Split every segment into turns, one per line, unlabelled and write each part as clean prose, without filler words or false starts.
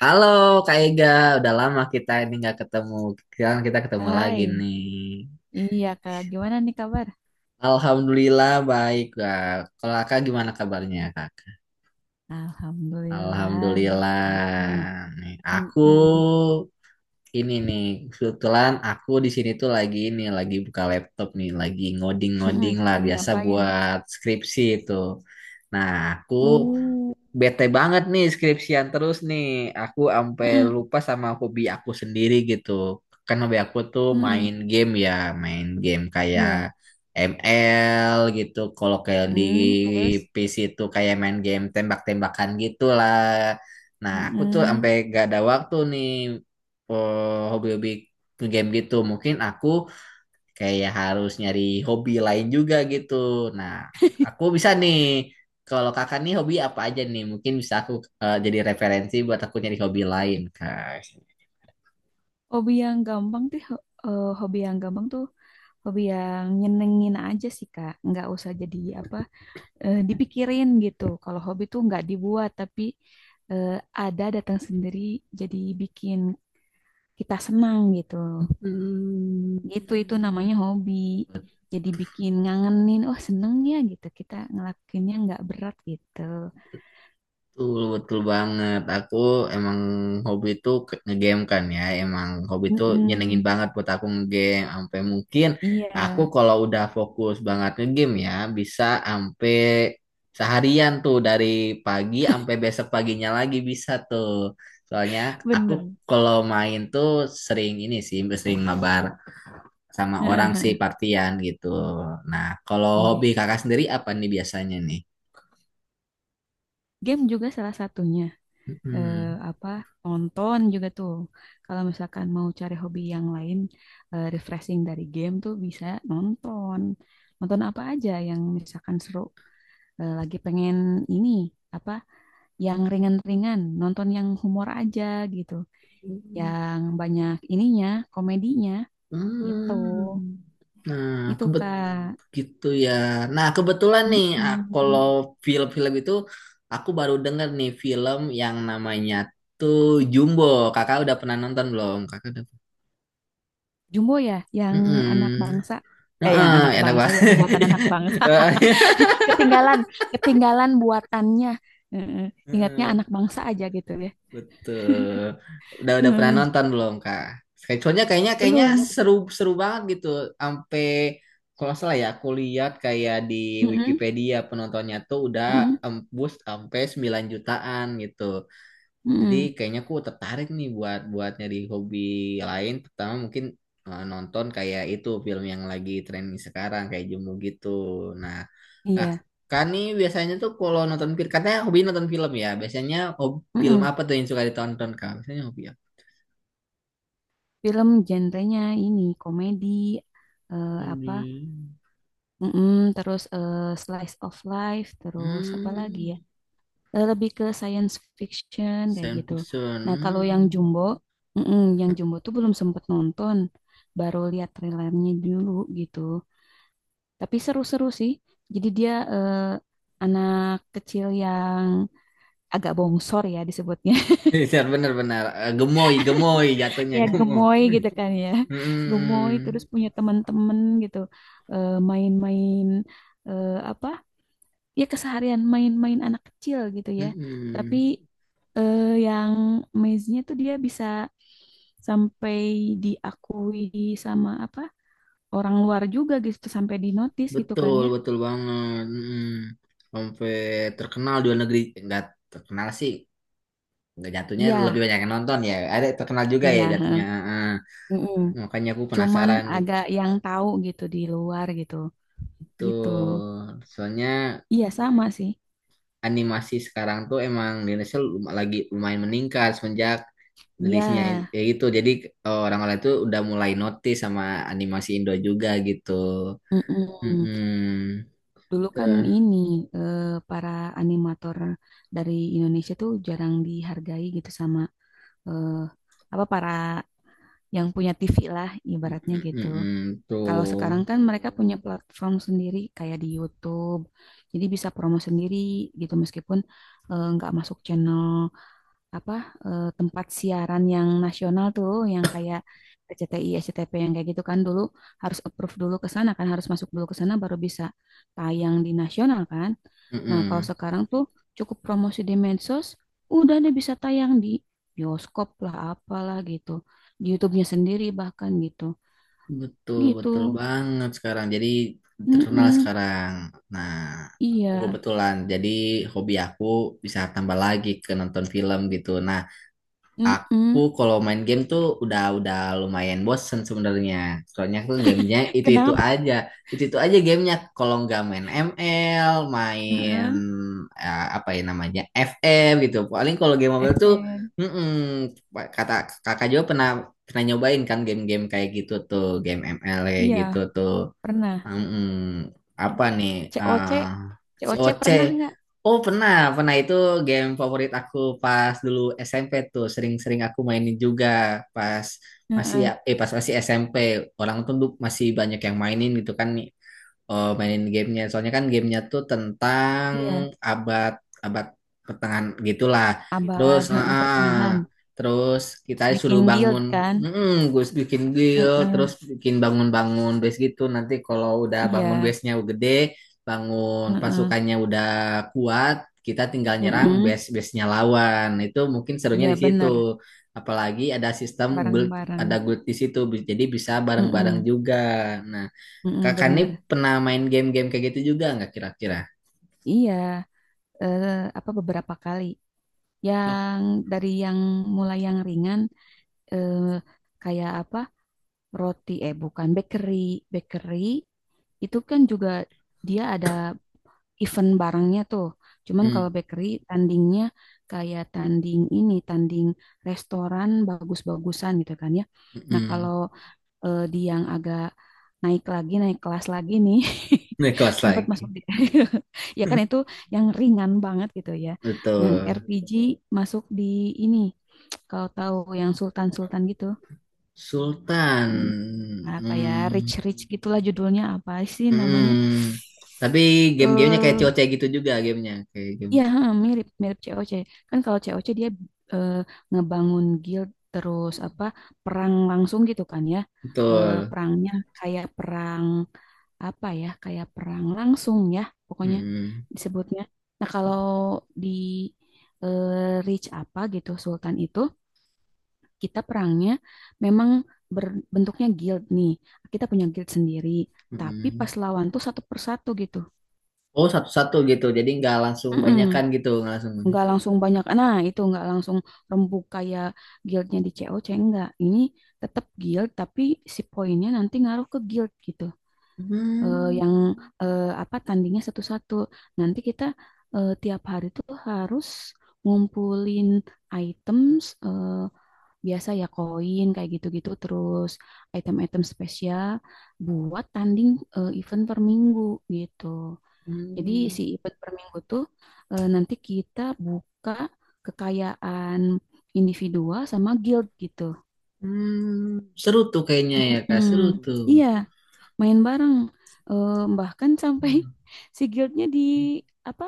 Halo Kak Ega, udah lama kita ini nggak ketemu. Sekarang kita ketemu lagi
Hai,
nih.
baik, iya Kak. Gimana nih kabar?
Alhamdulillah baik Kak. Kalau Kakak gimana kabarnya Kak?
Alhamdulillah, baik-baik nih.
Alhamdulillah. Nih, aku
Mm-mm.
ini nih kebetulan aku di sini tuh lagi lagi buka laptop nih, lagi
Mm-mm.
ngoding-ngoding lah
Lagi
biasa
ngapain?
buat skripsi itu. Nah, aku
Uh,
bete banget nih skripsian terus nih. Aku sampai
mm-mm.
lupa sama hobi aku sendiri gitu. Kan hobi aku tuh main
Mm-mm.
game ya, main game kayak
Iya.
ML gitu. Kalau kayak di
Mm, terus,
PC tuh kayak main game tembak-tembakan gitulah. Nah, aku tuh
mm-mm.
sampai gak ada waktu nih hobi-hobi game gitu. Mungkin aku kayak harus nyari hobi lain juga gitu. Nah, aku bisa nih, kalau kakak nih hobi apa aja nih? Mungkin bisa aku jadi referensi buat aku nyari hobi lain, Kak.
Hobi yang gampang tuh, hobi yang nyenengin aja sih Kak. Nggak usah jadi apa, dipikirin gitu. Kalau hobi tuh nggak dibuat, tapi eh, ada datang sendiri, jadi bikin kita senang gitu.
Hmm.
Gitu itu namanya hobi. Jadi bikin ngangenin, oh seneng ya gitu. Kita ngelakuinnya nggak berat gitu.
Betul, betul banget. Aku emang hobi tuh ngegame kan ya. Emang hobi tuh nyenengin
Mm-mm.
banget buat aku ngegame. Sampai mungkin aku
Iya,
kalau udah fokus banget ngegame ya, bisa sampai seharian tuh dari pagi sampai besok paginya lagi bisa tuh. Soalnya aku
bener.
kalau main tuh sering ini sih, sering mabar sama orang sih
Heeh,
partian gitu. Nah, kalau hobi
iya.
kakak sendiri apa nih biasanya nih?
Game juga salah satunya. Eh,
Mm-mm.
apa nonton juga tuh. Kalau misalkan mau cari hobi yang lain, refreshing dari game tuh bisa nonton. Nonton apa aja yang misalkan seru. Lagi pengen ini apa yang ringan-ringan, nonton yang humor aja gitu. Yang banyak ininya, komedinya gitu.
Hmm. Nah,
Itu Kak.
gitu ya. Nah, kebetulan nih, kalau
Mm-mm.
film-film itu aku baru denger nih film yang namanya tuh Jumbo. Kakak udah pernah nonton belum? Kakak udah.
Jumbo ya, yang anak
Mm-mm.
bangsa. Yang anak
Heeh, enak
bangsa, yang
banget.
buatan anak bangsa. Ketinggalan, ketinggalan buatannya. Mm-mm. Ingatnya
Heeh.
anak bangsa aja gitu ya.
Betul. Udah pernah
Mm,
nonton belum, Kak? Soalnya kayaknya kayaknya
belum.
seru seru banget gitu. Sampai kalau nggak salah ya, aku lihat kayak di
Mm-mm.
Wikipedia penontonnya tuh udah
Mm-mm.
embus sampai 9 jutaan gitu. Jadi
Mm-mm.
kayaknya aku tertarik nih buat buat nyari hobi lain, pertama mungkin nonton kayak itu film yang lagi trending sekarang kayak Jumbo gitu. Nah, Nah,
Iya.
kan nih biasanya tuh kalau nonton film, katanya hobi nonton film ya. Biasanya hobi, film
Mm-mm.
apa tuh yang suka ditonton kak? Biasanya hobi apa?
Film genrenya ini komedi, eh, apa?
Hmm,
Mm-mm. Terus slice of life, terus apa lagi ya?
hmm,
Lebih ke science fiction kayak
science
gitu.
fiction.
Nah, kalau yang
Hmm.
Jumbo, mm-mm, yang Jumbo tuh belum sempet nonton, baru lihat trailernya dulu gitu. Tapi seru-seru sih. Jadi dia anak kecil yang agak bongsor ya disebutnya,
Iya, bener-bener. Gemoy, gemoy jatuhnya
ya
gemoy.
gemoy gitu kan ya, gemoy
Hmm,
terus punya teman-teman gitu. Main-main, eh, apa? ya keseharian main-main anak kecil gitu ya. Tapi
hmm,
yang maze-nya tuh dia bisa sampai diakui sama apa orang luar juga gitu, sampai di notice gitu kan
betul,
ya.
betul banget. Hmm. Sampai terkenal di luar negeri, nggak terkenal sih. Nggak jatuhnya lebih
Iya,
banyak yang nonton ya. Ada terkenal juga ya
iya, heeh.
jatuhnya. Heeh.
Mm-mm.
Makanya aku
Cuman
penasaran gitu.
agak yang tahu gitu di luar gitu. Gitu.
Betul. Soalnya
Iya sama sih.
animasi sekarang tuh emang di Indonesia lagi lumayan meningkat semenjak
Iya,
rilisnya ya gitu. Jadi orang-orang itu udah mulai notice sama animasi Indo juga gitu.
mm-mm.
Mm-mm.
Dulu kan
Tuh.
ini, eh, para animator dari Indonesia tuh jarang dihargai gitu sama, eh, apa para yang punya TV lah ibaratnya
Mm-mm,
gitu.
mm-mm,
Kalau sekarang
Tuh.
kan mereka punya platform sendiri kayak di YouTube, jadi bisa promo sendiri gitu meskipun nggak masuk channel apa, tempat siaran yang nasional tuh, yang kayak RCTI, SCTV yang kayak gitu kan dulu harus approve dulu ke sana kan, harus masuk dulu ke sana baru bisa tayang di nasional kan. Nah kalau
Mm-mm.
sekarang tuh cukup promosi di medsos, udah deh bisa tayang di bioskop lah apalah gitu, di YouTube-nya sendiri bahkan gitu,
Betul, betul
gitu.
banget sekarang. Jadi terkenal
Mm-mm.
sekarang. Nah, aku
Iya,
kebetulan. Jadi hobi aku bisa tambah lagi ke nonton film gitu. Nah, aku
mm.
kalau main game tuh udah lumayan bosen sebenarnya. Soalnya tuh gamenya itu-itu
Kenapa?
aja. Itu-itu aja gamenya. Kalau nggak main ML, main
Heeh,
apa ya namanya FM gitu. Paling kalau game mobile tuh
FN.
mm-mm, kata kakak juga pernah pernah nyobain kan game-game kayak gitu tuh, game ML kayak
Iya,
gitu tuh.
pernah.
Hmm, apa nih?
C C. O C.
Ah,
C
C.
O C
O C.
pernah nggak?
Oh pernah, pernah itu game favorit aku pas dulu SMP tuh. Sering-sering aku mainin juga pas masih
Heeh,
pas masih SMP. Orang tuh masih banyak yang mainin gitu kan. Oh, mainin gamenya. Soalnya kan gamenya tuh tentang
iya,
abad abad pertengahan gitulah. Terus,
abad,
ah,
heeh,
ah. ah.
pertengahan.
terus kita
Terus
suruh
bikin guild
bangun,
kan?
gue bikin guild, terus
Heeh,
bikin bangun-bangun base gitu. Nanti kalau udah bangun
iya,
base-nya gede, bangun
heeh,
pasukannya udah kuat, kita tinggal nyerang
heeh.
base-base-nya lawan. Itu mungkin serunya
Iya
di situ.
benar,
Apalagi ada sistem guild,
bareng-bareng.
ada guild di situ, jadi bisa bareng-bareng
Heeh,
juga. Nah.
heeh,
Kakak nih
benar.
pernah main game-game kayak gitu juga nggak kira-kira?
Iya, eh, apa beberapa kali.
Oh,
Yang dari yang mulai yang ringan, eh, kayak apa? Roti, bukan bakery, bakery. Itu kan juga dia ada event barangnya tuh. Cuman kalau
hmm,
bakery tandingnya kayak tanding ini, tanding restoran bagus-bagusan gitu kan ya. Nah, kalau
hmm.
di yang agak naik lagi, naik kelas lagi nih,
Nih kelas
sempat
lagi.
masuk di ya kan itu yang ringan banget gitu ya. Yang
Betul.
RPG masuk di ini, kalau tahu yang Sultan-Sultan gitu. Hmm,
Sultan.
apa ya,
Hmm,
rich-rich gitulah judulnya, apa sih namanya?
hmm. Tapi game-gamenya kayak
Eh,
COC gitu juga gamenya. Kayak game.
Iya, heeh, mirip mirip COC. Kan kalau COC dia eh, ngebangun guild terus apa perang langsung gitu kan ya.
Betul.
Perangnya kayak perang apa ya? Kayak perang langsung ya, pokoknya
Hmm,
disebutnya. Nah, kalau di Reach apa gitu Sultan itu kita perangnya memang berbentuknya guild nih. Kita punya guild sendiri, tapi
hmm.
pas lawan tuh satu persatu gitu.
Oh, satu-satu gitu. Jadi nggak langsung
Mm-mm.
banyakan gitu. Nggak langsung banyak.
Nggak langsung banyak, nah itu nggak langsung rembuk kayak guildnya di COC, enggak, ini tetap guild tapi si poinnya nanti ngaruh ke guild gitu. Eh,
Hmm,
yang eh, apa Tandingnya satu-satu, nanti kita tiap hari tuh harus ngumpulin items, biasa ya koin kayak gitu-gitu, terus item-item spesial buat tanding, event per minggu gitu. Jadi si
hmm,
IPET per minggu tuh, nanti kita buka kekayaan individual sama guild gitu.
hmm. Seru tuh kayaknya ya, Kak.
Mm-mm.
Seru tuh.
Iya, main bareng. Eh, Bahkan sampai
Hmm.
si guildnya di apa?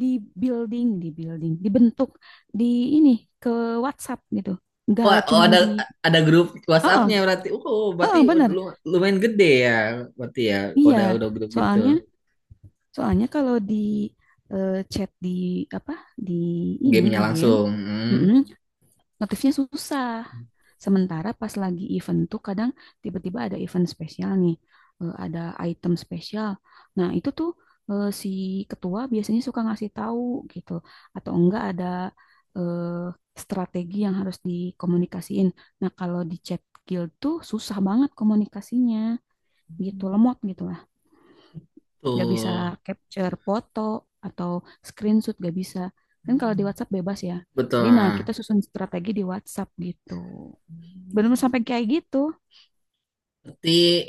Di di building, dibentuk di ini ke WhatsApp gitu. Nggak
Wah, oh
cuman
ada
di,
ada grup WhatsApp-nya
oh,
berarti. Oh, oh, berarti
oh, bener.
lu, lumayan gede ya. Berarti ya, kalau udah
Iya,
udah grup gitu,
soalnya, soalnya kalau di chat di apa? Di ini
gamenya
di game,
langsung.
mm-mm, notifnya susah. Sementara pas lagi event tuh kadang tiba-tiba ada event spesial nih, ada item spesial. Nah, itu tuh si ketua biasanya suka ngasih tahu gitu, atau enggak ada eh, strategi yang harus dikomunikasiin. Nah, kalau di chat guild tuh susah banget komunikasinya gitu, lemot gitu lah.
Hmm,
Nggak bisa
betul.
capture foto atau screenshot nggak bisa. Kan kalau di WhatsApp bebas ya.
Betul.
Jadi nah kita susun strategi di WhatsApp gitu. Benar sampai kayak gitu.
Berarti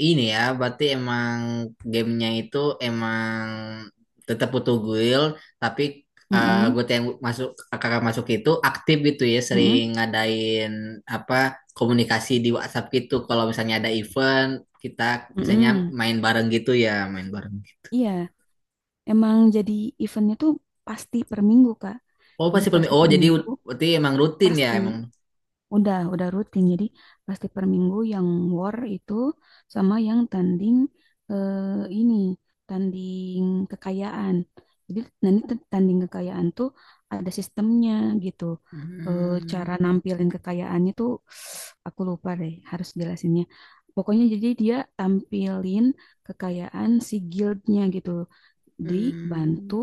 ini ya, berarti emang gamenya itu emang tetap butuh guild, tapi eh
Mm-mm,
gue yang masuk kakak masuk itu aktif gitu ya,
mm-mm,
sering ngadain apa komunikasi di WhatsApp gitu. Kalau misalnya ada event, kita misalnya
mm-mm.
main bareng gitu ya, main bareng.
Iya, emang jadi eventnya tuh pasti per minggu, Kak.
Oh
Jadi
pasti permi.
pasti
Oh
per
jadi
minggu,
berarti emang rutin ya
pasti.
emang.
Udah rutin. Jadi pasti per minggu yang war itu sama yang tanding eh, ini, tanding kekayaan. Jadi nanti tuh tanding kekayaan tuh ada sistemnya gitu. Eh,
Hmm,
Cara nampilin kekayaannya tuh aku lupa deh, harus jelasinnya. Pokoknya jadi dia tampilin kekayaan si guildnya gitu,
hmm,
dibantu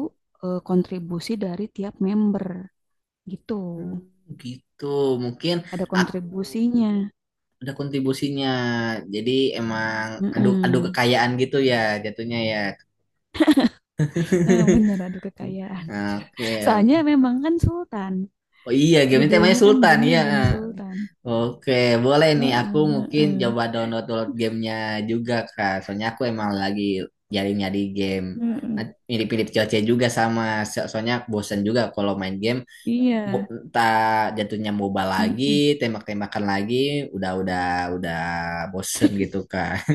kontribusi dari tiap member gitu.
hmm, gitu. Mungkin
Ada
ak-
kontribusinya.
ada kontribusinya. Jadi emang adu adu
Mm-mm.
kekayaan gitu ya jatuhnya ya.
Bener adu kekayaan.
Oke.
Soalnya memang kan Sultan.
Oh iya, game ini temanya
Judulnya kan
Sultan
gamenya
ya.
game Sultan.
Oke, boleh nih
Heeh,
aku
heeh,
mungkin
heeh.
coba download download gamenya juga Kak. Soalnya aku emang lagi nyari-nyari game. Nah, mirip-mirip Coce juga sama. Soalnya bosen juga kalau main game
Iya.
mo- tak jatuhnya MOBA lagi,
Mm-mm.
tembak-tembakan lagi, udah udah udah bosen gitu Kak.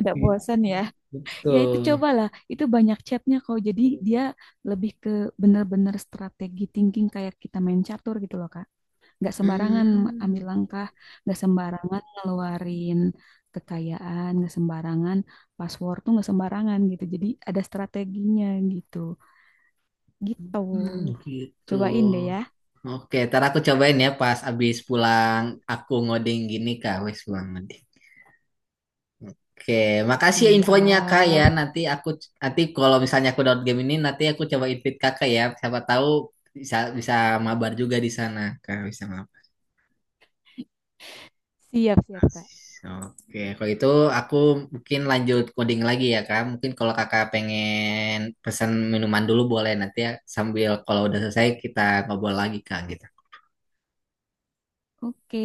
Udah bosan ya. Ya itu
Betul.
cobalah. Itu banyak chatnya kok. Jadi dia lebih ke bener-bener strategi thinking kayak kita main catur gitu loh Kak. Nggak sembarangan ambil
Hmm,
langkah. Nggak sembarangan ngeluarin kekayaan. Nggak sembarangan password tuh nggak sembarangan gitu. Jadi ada strateginya gitu. Gitu.
hmm, gitu.
Cobain deh ya.
Oke, ntar aku cobain ya pas abis pulang aku ngoding gini kak, wes pulang ngoding. Oke, makasih ya infonya kak ya.
Siap.
Nanti kalau misalnya aku download game ini, nanti aku coba invite kakak ya. Siapa tahu bisa bisa mabar juga di sana kak, bisa mabar.
Siap, siap, Kak.
Oke, kalau itu aku mungkin lanjut coding lagi ya kak. Mungkin kalau kakak pengen pesan minuman dulu boleh nanti ya, sambil kalau udah selesai kita ngobrol lagi kak gitu.
Oke.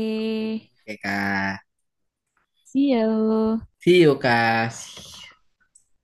Oke, Kak.
See you.
See you, Kak.